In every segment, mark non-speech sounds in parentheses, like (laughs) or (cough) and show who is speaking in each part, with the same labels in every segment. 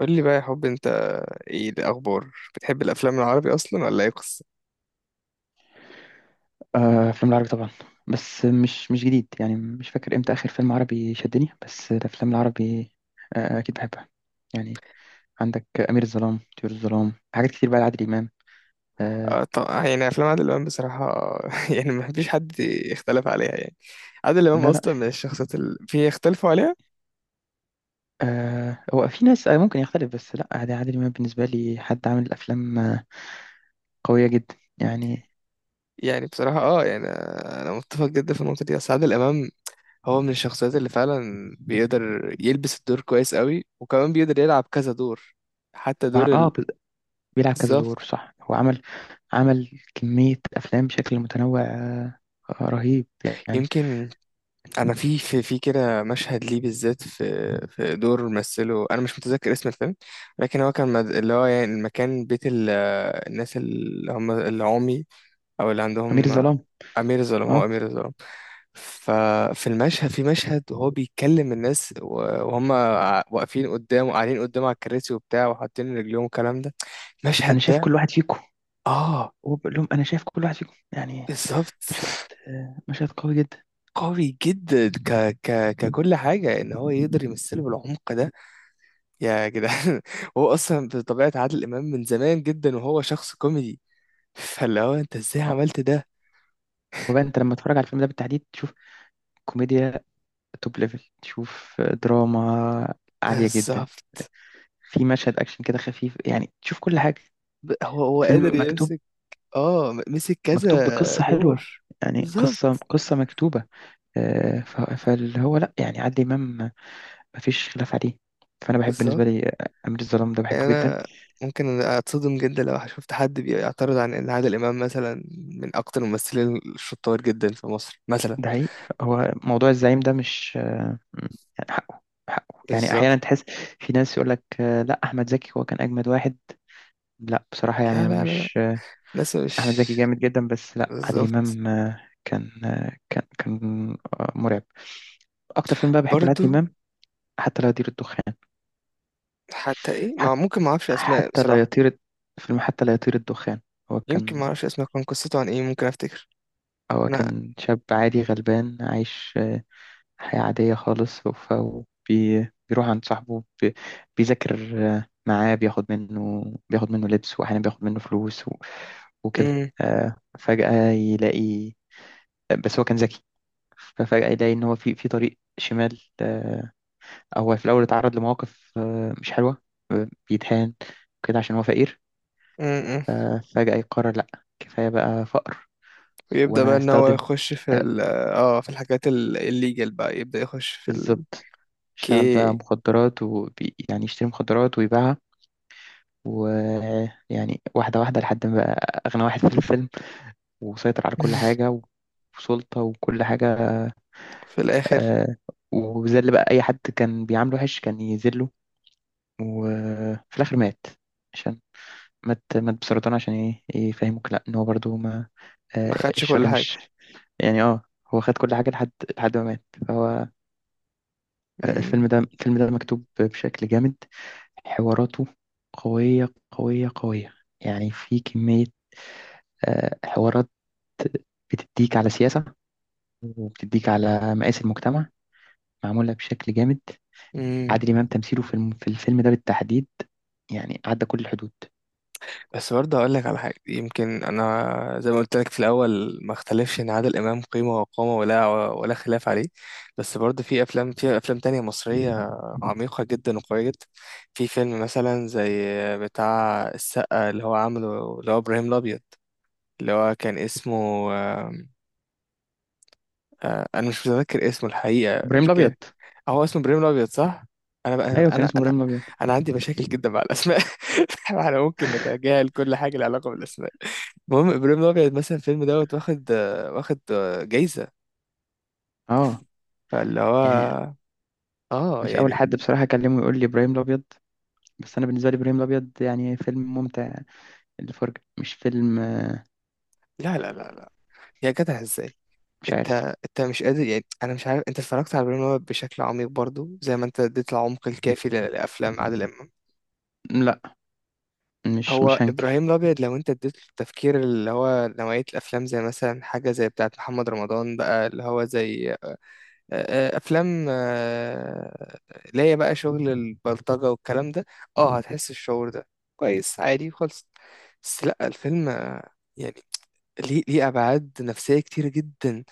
Speaker 1: قول لي بقى يا حب، انت ايه الاخبار؟ بتحب الافلام العربي اصلا ولا ايه قصه؟
Speaker 2: أفلام العربي طبعا. بس مش جديد، يعني مش فاكر إمتى آخر فيلم عربي شدني. بس الأفلام العربي، أكيد بحبها، يعني. عندك أمير الظلام، طيور الظلام، حاجات كتير بقى لعادل إمام. آه،
Speaker 1: آه، طب يعني افلام عادل امام بصراحه (laughs) يعني ما فيش حد يختلف عليها، يعني عادل امام
Speaker 2: لا، لا،
Speaker 1: اصلا
Speaker 2: في.
Speaker 1: من الشخصيات اللي في يختلفوا عليها.
Speaker 2: هو في ناس، ممكن يختلف، بس لا، عادل إمام بالنسبة لي حد عامل أفلام قوية جدا، يعني.
Speaker 1: يعني بصراحه، يعني انا متفق جدا في النقطه دي. اصل عادل امام هو من الشخصيات اللي فعلا بيقدر يلبس الدور كويس قوي، وكمان بيقدر يلعب كذا دور، حتى
Speaker 2: هو ع-
Speaker 1: دور
Speaker 2: اه
Speaker 1: ال.
Speaker 2: ب- بيلعب كذا
Speaker 1: بالظبط.
Speaker 2: دور، صح. هو عمل، كمية أفلام بشكل متنوع، رهيب، يعني.
Speaker 1: يمكن، انا في كده مشهد ليه بالذات، في في دور مثله، انا مش متذكر اسم الفيلم. لكن هو كان اللي هو يعني المكان بيت الناس اللي هم العمي، او اللي
Speaker 2: أمير
Speaker 1: عندهم.
Speaker 2: الظلام.
Speaker 1: امير الظلام، هو
Speaker 2: اه.
Speaker 1: امير الظلام. ففي المشهد في مشهد وهو بيكلم الناس وهم واقفين قدامه، قاعدين قدامه على الكراسي وبتاع، وحاطين رجليهم والكلام ده،
Speaker 2: أنا
Speaker 1: المشهد
Speaker 2: شايف
Speaker 1: ده.
Speaker 2: كل واحد فيكم،
Speaker 1: اه.
Speaker 2: وبقول لهم: انا شايف كل واحد فيكم، يعني.
Speaker 1: بالظبط.
Speaker 2: مشهد مشهد قوي جدا.
Speaker 1: قوي جدا، ك ك ككل حاجه، ان هو يقدر يمثله بالعمق ده، يا جدعان. (laughs) هو اصلا بطبيعه عادل امام من زمان جدا وهو شخص كوميدي، فاللي هو انت ازاي عملت ده؟
Speaker 2: هو بقى انت لما تتفرج على الفيلم ده بالتحديد تشوف كوميديا توب ليفل، تشوف دراما عالية جدا،
Speaker 1: بالظبط.
Speaker 2: في مشهد اكشن كده خفيف، يعني تشوف كل حاجة.
Speaker 1: هو قادر
Speaker 2: فيلم مكتوب
Speaker 1: يمسك. اه مسك
Speaker 2: مكتوب
Speaker 1: كذا
Speaker 2: بقصة حلوة،
Speaker 1: دور.
Speaker 2: يعني قصة
Speaker 1: بالظبط،
Speaker 2: قصة مكتوبة. فاللي هو لا، يعني عادل إمام مفيش خلاف عليه. فأنا بحب،
Speaker 1: بالظبط.
Speaker 2: بالنسبة لي أمير الظلام ده
Speaker 1: يعني
Speaker 2: بحبه جدا.
Speaker 1: انا ممكن اتصدم جدا لو شفت حد بيعترض عن ان عادل امام مثلا من اكتر الممثلين الشطار جدا في مصر مثلا.
Speaker 2: ده حقيقي. هو موضوع الزعيم ده مش مم. يعني حقه، يعني احيانا
Speaker 1: بالظبط.
Speaker 2: تحس. في ناس يقول لك: لا، احمد زكي هو كان اجمد واحد. لا، بصراحه يعني
Speaker 1: لا،
Speaker 2: أنا
Speaker 1: لا، لا، لا.
Speaker 2: مش،
Speaker 1: ناس
Speaker 2: احمد
Speaker 1: مش
Speaker 2: زكي جامد جدا، بس لا، عادل
Speaker 1: بالظبط،
Speaker 2: امام كان مرعب. اكتر فيلم بقى بحبه لعادل
Speaker 1: برضو.
Speaker 2: امام حتى لا يطير الدخان.
Speaker 1: حتى ايه مع؟
Speaker 2: حتى
Speaker 1: ممكن ما اعرفش اسماء
Speaker 2: حتى لا
Speaker 1: بصراحه.
Speaker 2: يطير فيلم حتى لا يطير الدخان. هو
Speaker 1: يمكن
Speaker 2: كان
Speaker 1: ما اعرفش اسمه، كان قصته عن ايه؟ ممكن افتكر
Speaker 2: هو
Speaker 1: انا.
Speaker 2: كان شاب عادي غلبان عايش حياة عادية خالص. فبيروح عند صاحبه بيذاكر معاه. بياخد منه لبس، وأحيانا بياخد منه فلوس وكده.
Speaker 1: امم.
Speaker 2: فجأة يلاقي، بس هو كان ذكي، ففجأة يلاقي إن هو في طريق شمال. هو في الأول اتعرض لمواقف مش حلوة، بيتهان كده عشان هو فقير.
Speaker 1: امم.
Speaker 2: فجأة يقرر لأ، كفاية بقى فقر.
Speaker 1: ويبدا بقى
Speaker 2: وأنا
Speaker 1: ان هو
Speaker 2: أستخدم.
Speaker 1: يخش في
Speaker 2: آه،
Speaker 1: ال اه في الحاجات الليجل، بقى يبدا يخش في
Speaker 2: بالظبط. اشتغل بقى
Speaker 1: الكي.
Speaker 2: مخدرات، ويعني يشتري مخدرات ويبيعها، ويعني واحدة واحدة لحد ما بقى أغنى واحد في الفيلم، وسيطر على كل
Speaker 1: (laughs)
Speaker 2: حاجة، وسلطة وكل حاجة.
Speaker 1: في الاخر.
Speaker 2: آه. وذل بقى أي حد كان بيعامله وحش كان يذله. وفي الآخر مات. عشان مات بسرطان، عشان إيه؟ يفهموك لأ، إن هو برضه ما،
Speaker 1: ما خدش
Speaker 2: الشر
Speaker 1: كل حاجه.
Speaker 2: مش، يعني. آه. هو خد كل حاجة لحد ما مات، فهو. الفيلم ده مكتوب بشكل جامد. حواراته قوية، قوية، قوية، يعني في كمية حوارات بتديك على سياسة، وبتديك على مقاس المجتمع، معمولة بشكل جامد.
Speaker 1: امم.
Speaker 2: عادل إمام تمثيله في في الفيلم ده بالتحديد، يعني عدى كل الحدود.
Speaker 1: بس برضه هقول لك على حاجة، يمكن أنا زي ما قلت لك في الأول، ما اختلفش إن عادل إمام قيمة وقامة، ولا خلاف عليه. بس برضه في أفلام تانية مصرية، عميقة جدا وقوية جدا. في فيلم مثلا زي بتاع السقا اللي هو عامله، اللي هو إبراهيم الأبيض، اللي هو كان اسمه. أنا مش متذكر اسمه الحقيقة،
Speaker 2: إبراهيم
Speaker 1: مش
Speaker 2: الأبيض.
Speaker 1: كده. هو اسمه إبراهيم الأبيض صح؟ أنا بقى
Speaker 2: أيوه، كان
Speaker 1: أنا
Speaker 2: اسمه
Speaker 1: أنا
Speaker 2: إبراهيم الأبيض.
Speaker 1: أنا عندي مشاكل جدا مع الأسماء. (laughs) إحنا ممكن نتجاهل كل حاجة لها علاقة بالأسماء. المهم ابراهيم الابيض مثلا، الفيلم دوت واخد جايزه،
Speaker 2: أه،
Speaker 1: فاللي
Speaker 2: يعني
Speaker 1: هو، اه
Speaker 2: مش أول
Speaker 1: يعني.
Speaker 2: حد بصراحة أكلمه يقول لي إبراهيم الأبيض، بس أنا بالنسبة لي إبراهيم الأبيض، يعني فيلم ممتع للفرجة، مش فيلم.
Speaker 1: لا، لا، لا، لا، يا جدع، ازاي؟
Speaker 2: مش
Speaker 1: انت
Speaker 2: عارف.
Speaker 1: انت مش قادر، يعني انا مش عارف انت اتفرجت على ابراهيم الابيض بشكل عميق برضو زي ما انت اديت العمق الكافي لافلام عادل امام.
Speaker 2: لا، مش
Speaker 1: هو
Speaker 2: مش هنكر.
Speaker 1: ابراهيم الابيض لو انت اديت له التفكير، اللي هو نوعيه الافلام زي مثلا حاجه زي بتاعه محمد رمضان بقى، اللي هو زي افلام اللي هي بقى شغل البلطجه والكلام ده، اه هتحس الشعور ده كويس، عادي خالص. بس لا، الفيلم يعني، ليه ابعاد نفسيه كتير جدا.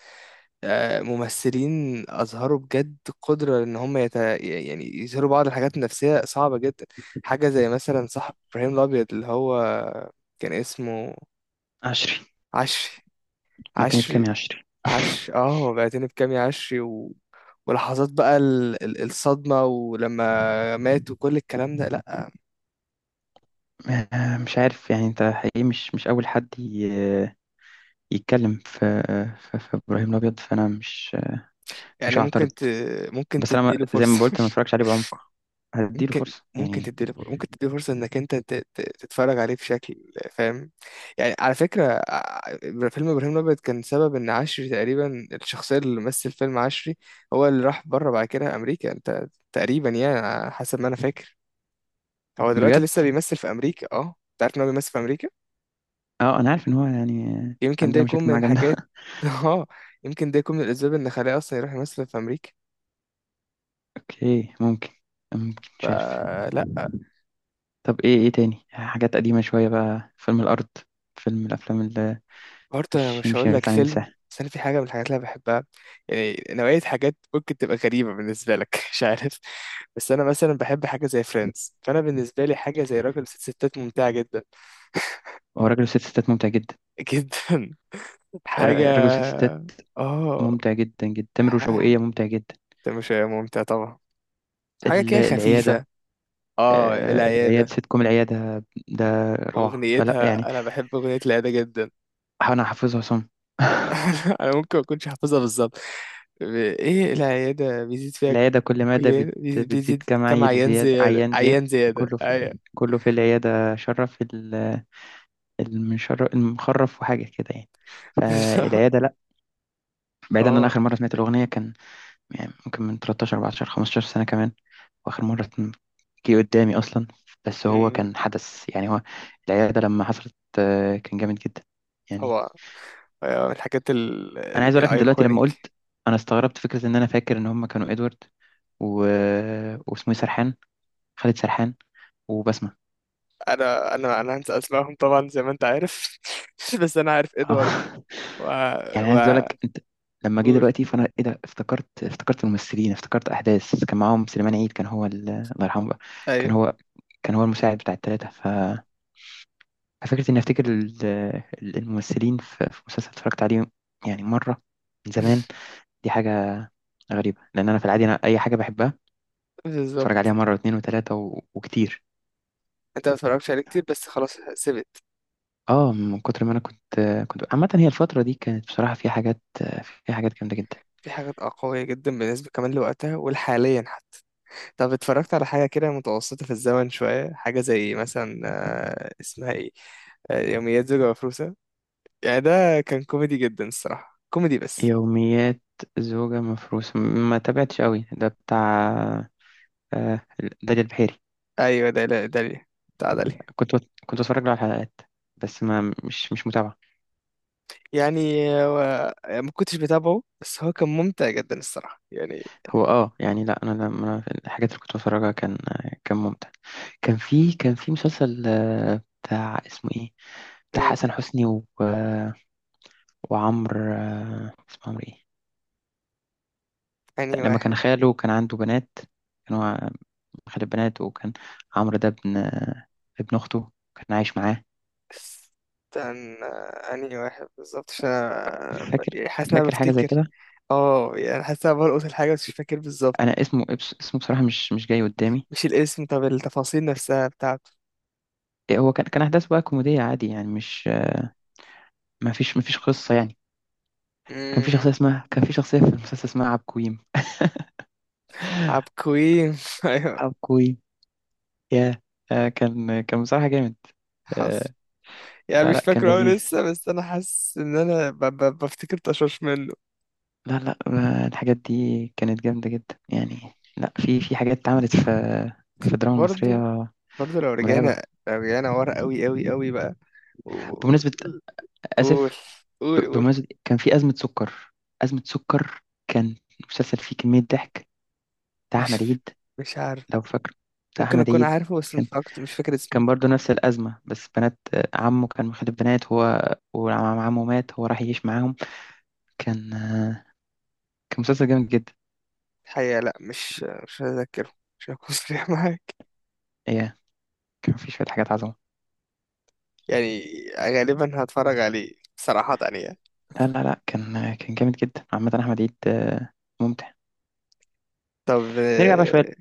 Speaker 1: ممثلين اظهروا بجد قدره ان هم يعني يظهروا بعض الحاجات النفسيه صعبه جدا. حاجه زي مثلا صاحب ابراهيم الابيض اللي هو كان اسمه.
Speaker 2: عشري.
Speaker 1: عشري،
Speaker 2: اديتني بكام
Speaker 1: عشري.
Speaker 2: يا عشري؟
Speaker 1: عش اه بعتني بكام يا عشري، ولحظات بقى الصدمة، ولما مات وكل الكلام ده. لأ.
Speaker 2: (laughs) مش عارف، يعني انت حقيقي مش اول حد يتكلم في في ابراهيم الابيض، فانا مش
Speaker 1: يعني ممكن
Speaker 2: هعترض.
Speaker 1: ممكن
Speaker 2: بس انا،
Speaker 1: تديله
Speaker 2: زي ما
Speaker 1: فرصة.
Speaker 2: قلت ما
Speaker 1: (laughs)
Speaker 2: اتفرجش عليه بعمق. هديله
Speaker 1: ممكن
Speaker 2: فرصه،
Speaker 1: ممكن
Speaker 2: يعني.
Speaker 1: تديله فرصة. ممكن تديله فرصة انك انت تتفرج عليه بشكل فاهم. يعني على فكرة، فيلم ابراهيم الابيض كان سبب ان عشري تقريبا، الشخصية اللي مثل فيلم عشري، هو اللي راح بره بعد كده امريكا، انت. تقريبا يعني على حسب ما انا فاكر، هو دلوقتي
Speaker 2: بجد؟
Speaker 1: لسه بيمثل في امريكا، اه. انت عارف ان هو بيمثل في امريكا؟
Speaker 2: اه، انا عارف ان هو، يعني
Speaker 1: يمكن ده
Speaker 2: عندنا
Speaker 1: يكون
Speaker 2: مشاكل
Speaker 1: من
Speaker 2: معاه جامده.
Speaker 1: الحاجات.
Speaker 2: (laughs)
Speaker 1: (laughs) اه. يمكن ده يكون من الأسباب إن خلاه أصلا يروح يمثل في أمريكا.
Speaker 2: اوكي، ممكن، مش عارف.
Speaker 1: فلا،
Speaker 2: طب ايه، تاني حاجات قديمه شويه بقى؟ فيلم الارض، الافلام اللي
Speaker 1: برضه أنا
Speaker 2: مش
Speaker 1: مش
Speaker 2: مش
Speaker 1: هقول لك
Speaker 2: ينفع
Speaker 1: فيلم،
Speaker 2: ننساها.
Speaker 1: بس أنا في حاجة من الحاجات اللي أنا بحبها، يعني نوعية حاجات ممكن تبقى غريبة بالنسبة لك. (laughs) مش عارف، بس أنا مثلا بحب حاجة زي فريندز، فأنا بالنسبة لي حاجة زي راجل وست ستات ممتعة جدا.
Speaker 2: هو راجل وست ستات ممتع جدا.
Speaker 1: (laughs) جدا. حاجة،
Speaker 2: ر- راجل وست ستات
Speaker 1: اه
Speaker 2: ممتع جدا جدا. تامر وشوقية
Speaker 1: ح-
Speaker 2: ممتع جدا.
Speaker 1: ده مش ممتع طبعا، حاجة كده خفيفة.
Speaker 2: العياده.
Speaker 1: اه،
Speaker 2: العياد
Speaker 1: العيادة.
Speaker 2: سيت كوم. العياده ده روعه، فلا، يعني.
Speaker 1: أغنيتها، أنا بحب أغنية العيادة جدا.
Speaker 2: أحاول أحفظها صم. (laughs)
Speaker 1: (laughs) انا ممكن ما اكونش حافظها بالظبط، ايه العياده بيزيد فيها؟
Speaker 2: العيادة كل
Speaker 1: كل
Speaker 2: مادة
Speaker 1: بيزيد
Speaker 2: بتزيد
Speaker 1: بيزيد
Speaker 2: كم
Speaker 1: كم
Speaker 2: عيل
Speaker 1: عيان
Speaker 2: زياد
Speaker 1: زياده،
Speaker 2: عيان زياد.
Speaker 1: عيان زياده،
Speaker 2: كله في
Speaker 1: ايوه.
Speaker 2: كله في العيادة شرف المشرف المخرف وحاجة كده، يعني.
Speaker 1: (laughs) بالظبط.
Speaker 2: فالعيادة لأ. بعيدا عن، أنا
Speaker 1: اه.
Speaker 2: آخر مرة سمعت الأغنية كان، يعني ممكن من 13 14 15 سنة كمان. وآخر مرة جه قدامي أصلا، بس هو
Speaker 1: أمم.
Speaker 2: كان حدث، يعني. هو العيادة لما حصلت، كان جامد جدا، يعني.
Speaker 1: طبعا. أيوة، من الحاجات
Speaker 2: انا عايز اقول لك انت دلوقتي لما
Speaker 1: الايكونيك.
Speaker 2: قلت، انا استغربت فكره ان انا فاكر ان هم كانوا ادوارد و... واسمه إيه، سرحان، خالد سرحان، وبسمه.
Speaker 1: انا هنسى اسمائهم طبعا، زي ما انت عارف. (laughs) بس انا عارف
Speaker 2: اه.
Speaker 1: ادوارد
Speaker 2: (laughs)
Speaker 1: و
Speaker 2: يعني
Speaker 1: و
Speaker 2: عايز اقول لك انت، لما جه
Speaker 1: قول.
Speaker 2: دلوقتي فانا ايه ده، افتكرت الممثلين، افتكرت احداث، كان معاهم سليمان عيد. كان هو الله يرحمه بقى، كان
Speaker 1: ايوه.
Speaker 2: هو كان هو المساعد بتاع الثلاثه. ف ففكره اني افتكر الممثلين في مسلسل اتفرجت عليه، يعني مره، من زمان.
Speaker 1: (laughs)
Speaker 2: دي حاجه غريبه، لان انا في العادي، انا اي حاجه بحبها اتفرج
Speaker 1: بالظبط.
Speaker 2: عليها مره واثنين وثلاثه وكتير.
Speaker 1: انت ما اتفرجتش عليه كتير، بس خلاص سبت.
Speaker 2: اه، من كتر ما انا كنت عامه. هي الفتره دي كانت بصراحه فيها حاجات جامده جدا.
Speaker 1: في حاجات قوية جدا بالنسبة كمان لوقتها والحاليا. طب، اتفرجت على حاجة كده متوسطة في الزمن شوية، حاجة زي مثلا اسمها ايه، يوميات زوجة مفروسة؟ يعني ده كان كوميدي جدا الصراحة، كوميدي بس.
Speaker 2: يوميات زوجة مفروسة، ما تابعتش قوي ده، بتاع آه، داليا البحيري.
Speaker 1: ايوه ده، لا ده ليه. بتاع ده ليه.
Speaker 2: كنت بتفرج له على الحلقات، بس ما مش متابعة.
Speaker 1: يعني ما كنتش بتابعه، بس هو كان ممتع جدا الصراحة، يعني.
Speaker 2: هو اه، يعني لا، انا لما الحاجات اللي كنت بتفرجها كان، ممتع. كان في مسلسل بتاع اسمه ايه، بتاع
Speaker 1: مم.
Speaker 2: حسن حسني وعمرو، اسمه عمرو ايه.
Speaker 1: انهي
Speaker 2: لما
Speaker 1: واحد؟
Speaker 2: كان خاله، كان عنده بنات، كانوا، أحد البنات، وكان عمرو ده ابن أخته، كان عايش معاه.
Speaker 1: استنى، انهي واحد بالظبط، عشان
Speaker 2: فاكر
Speaker 1: يعني حاسس ان انا
Speaker 2: فاكر حاجة زي
Speaker 1: بفتكر.
Speaker 2: كده.
Speaker 1: اه، يعني حاسس ان انا بلقط الحاجة بس مش فاكر بالظبط.
Speaker 2: أنا اسمه بصراحة مش جاي قدامي.
Speaker 1: مش الاسم، طب التفاصيل نفسها
Speaker 2: إيه، هو كان أحداث بقى كوميدية عادي، يعني مش ما فيش قصة، يعني.
Speaker 1: بتاعته.
Speaker 2: كان في شخصية في المسلسل اسمها عبكويم.
Speaker 1: عبقوين؟ (laughs) ايوه،
Speaker 2: عبكويم. يا آه، كان بصراحة جامد.
Speaker 1: حصل.
Speaker 2: آه،
Speaker 1: يعني
Speaker 2: لا، لا،
Speaker 1: مش
Speaker 2: كان
Speaker 1: فاكره أوي
Speaker 2: لذيذ.
Speaker 1: لسه، بس انا حاسس ان انا بفتكر طشاش منه.
Speaker 2: لا، لا، الحاجات دي كانت جامدة جدا، يعني لا، في حاجات اتعملت في الدراما
Speaker 1: برضو،
Speaker 2: المصرية
Speaker 1: برضو، لو
Speaker 2: مرعبة.
Speaker 1: رجعنا لو رجعنا ورا قوي قوي قوي بقى. قول،
Speaker 2: بمناسبة،
Speaker 1: قول،
Speaker 2: آسف،
Speaker 1: قول، قول.
Speaker 2: بمناسبة، كان في أزمة سكر. أزمة سكر كان مسلسل فيه كمية ضحك، بتاع
Speaker 1: مش
Speaker 2: أحمد عيد،
Speaker 1: مش عارف.
Speaker 2: لو فاكر. بتاع
Speaker 1: ممكن
Speaker 2: أحمد
Speaker 1: اكون
Speaker 2: عيد
Speaker 1: عارفه بس
Speaker 2: كان
Speaker 1: مش فاكر، مش فاكر اسمه
Speaker 2: كان برضه نفس الأزمة، بس بنات عمه، كان مخلف بنات هو، وعمه مات، هو راح يعيش معاهم. كان آه، كان مسلسل جامد جدا.
Speaker 1: الحقيقة. لا، مش هذاكره، مش هكون (laughs) صريح معاك،
Speaker 2: إيه، كان فيه شوية حاجات عظمة.
Speaker 1: يعني. غالبا هتفرج عليه صراحة، يعني.
Speaker 2: لا، لا، لا، كان جامد جدا عامة. أحمد عيد، ممتع.
Speaker 1: طب،
Speaker 2: نرجع بقى شوية.
Speaker 1: اه.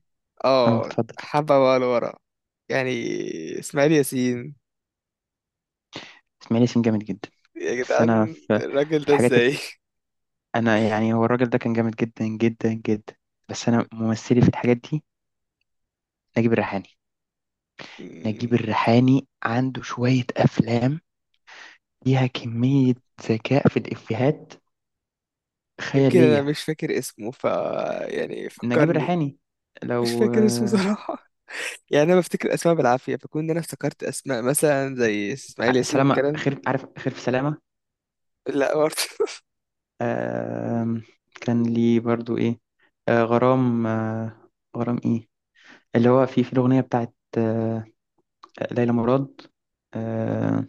Speaker 2: اه، اتفضل.
Speaker 1: حبة بقى لورا، يعني، اسماعيل ياسين،
Speaker 2: إسماعيل ياسين جامد جدا.
Speaker 1: يا
Speaker 2: بس أنا
Speaker 1: جدعان
Speaker 2: في،
Speaker 1: الراجل ده
Speaker 2: الحاجات،
Speaker 1: ازاي؟
Speaker 2: انا، يعني هو الراجل ده كان جامد جدا جدا جدا. بس انا
Speaker 1: (laughs)
Speaker 2: ممثلي في الحاجات دي نجيب الريحاني. نجيب
Speaker 1: مم.
Speaker 2: الريحاني عنده شوية افلام فيها كمية ذكاء في الافيهات
Speaker 1: يمكن انا
Speaker 2: خيالية.
Speaker 1: مش فاكر اسمه، ف يعني
Speaker 2: نجيب
Speaker 1: فكرني.
Speaker 2: الريحاني،
Speaker 1: مش
Speaker 2: لو.
Speaker 1: فاكر اسمه صراحة. يعني انا بفتكر اسماء بالعافية، فكون انا افتكرت اسماء مثلا زي اسماعيل ياسين
Speaker 2: سلامة
Speaker 1: والكلام.
Speaker 2: خير، عارف خير في سلامة.
Speaker 1: لا، برضه. (laughs)
Speaker 2: آم، كان لي برضو ايه، غرام، غرام ايه اللي هو، في الاغنية بتاعت ليلى مراد. آه،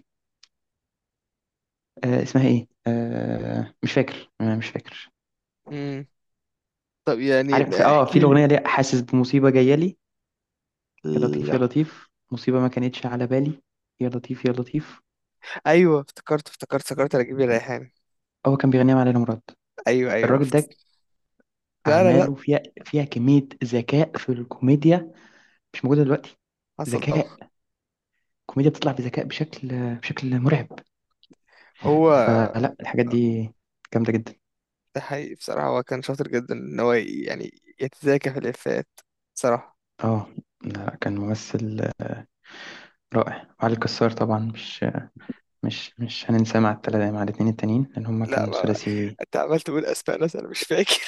Speaker 2: اسمها ايه، مش فاكر، مش فاكر.
Speaker 1: مم. طب يعني،
Speaker 2: عارف اه، في
Speaker 1: احكي لي.
Speaker 2: الاغنيه دي حاسس بمصيبه جايه لي. يا لطيف،
Speaker 1: لا،
Speaker 2: يا لطيف، مصيبه ما كانتش على بالي، يا لطيف، يا لطيف.
Speaker 1: ايوه، افتكرت، افتكرت، افتكرت رجب الريحان.
Speaker 2: هو كان بيغنيها مع ليلى مراد.
Speaker 1: ايوه، ايوه،
Speaker 2: الراجل ده
Speaker 1: افتكرت. لا، لا، لا.
Speaker 2: اعماله فيها كميه ذكاء في الكوميديا مش موجوده دلوقتي.
Speaker 1: حصل طبعا.
Speaker 2: ذكاء. الكوميديا بتطلع بذكاء بشكل مرعب.
Speaker 1: هو
Speaker 2: فلا، الحاجات دي جامده جدا.
Speaker 1: ده حقيقي بصراحة، هو كان شاطر جدا ان هو يعني يتذاكى في الافيهات بصراحة.
Speaker 2: اه، لا، كان ممثل رائع. وعلي الكسار طبعا مش هننساه، مع التلاتة، مع الاتنين التانيين، لان هما
Speaker 1: لا،
Speaker 2: كانوا ثلاثي.
Speaker 1: انت عمال تقول اسماء ناس انا مش فاكر.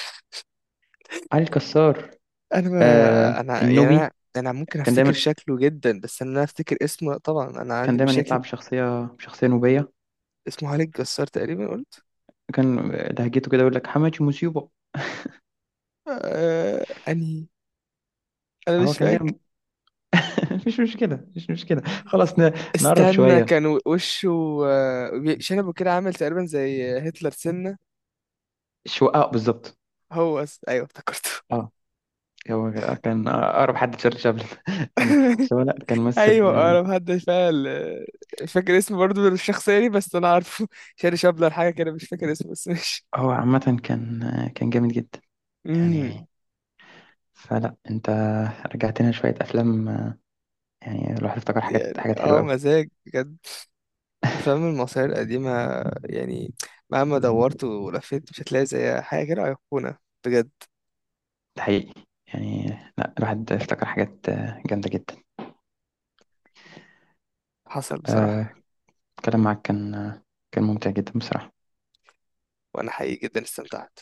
Speaker 2: علي الكسار،
Speaker 1: (laughs) انا ما انا يعني انا
Speaker 2: النوبي.
Speaker 1: انا ممكن
Speaker 2: كان
Speaker 1: افتكر
Speaker 2: دايما
Speaker 1: شكله جدا، بس ان انا افتكر اسمه لأ، طبعا انا
Speaker 2: كان
Speaker 1: عندي
Speaker 2: دايما يطلع
Speaker 1: مشاكل.
Speaker 2: بشخصية نوبية.
Speaker 1: اسمه خالد جسار تقريبا، قلت.
Speaker 2: كان لهجته كده يقول لك: حماتي مصيبة.
Speaker 1: انهي؟ انا
Speaker 2: هو
Speaker 1: مش
Speaker 2: كان
Speaker 1: فاكر.
Speaker 2: دايما. (laughs) مش مشكلة، مش مشكلة، خلاص. نقرب
Speaker 1: استنى،
Speaker 2: شوية.
Speaker 1: كان وشه شنبه كده، عامل تقريبا زي هتلر سنة.
Speaker 2: شو اه، بالظبط.
Speaker 1: هو ايوه، افتكرته.
Speaker 2: اه، هو كان أقرب حد تشارلي شابلن، (laughs) يعني،
Speaker 1: (laughs)
Speaker 2: بس هو لا، كان ممثل.
Speaker 1: ايوه، انا محدش فعلا، مش فاكر اسمه برضه الشخصية دي، بس انا عارفه. (laughs) شاري شابلر حاجة كده، مش فاكر اسمه، بس مش.
Speaker 2: هو عامة كان جامد جدا،
Speaker 1: مم.
Speaker 2: يعني. فلا، انت رجعت لنا شوية أفلام، يعني الواحد افتكر
Speaker 1: يعني،
Speaker 2: حاجات حلوة قوي.
Speaker 1: مزاج بجد افلام المصرية القديمة. يعني مهما دورت ولفيت مش هتلاقي زيها، حاجة كده أيقونة بجد.
Speaker 2: ده حقيقي، يعني لا، الواحد افتكر حاجات جامدة جدا.
Speaker 1: حصل
Speaker 2: آه،
Speaker 1: بصراحة.
Speaker 2: الكلام معاك كان ممتع جدا بصراحة.
Speaker 1: وانا حقيقي جدا استمتعت.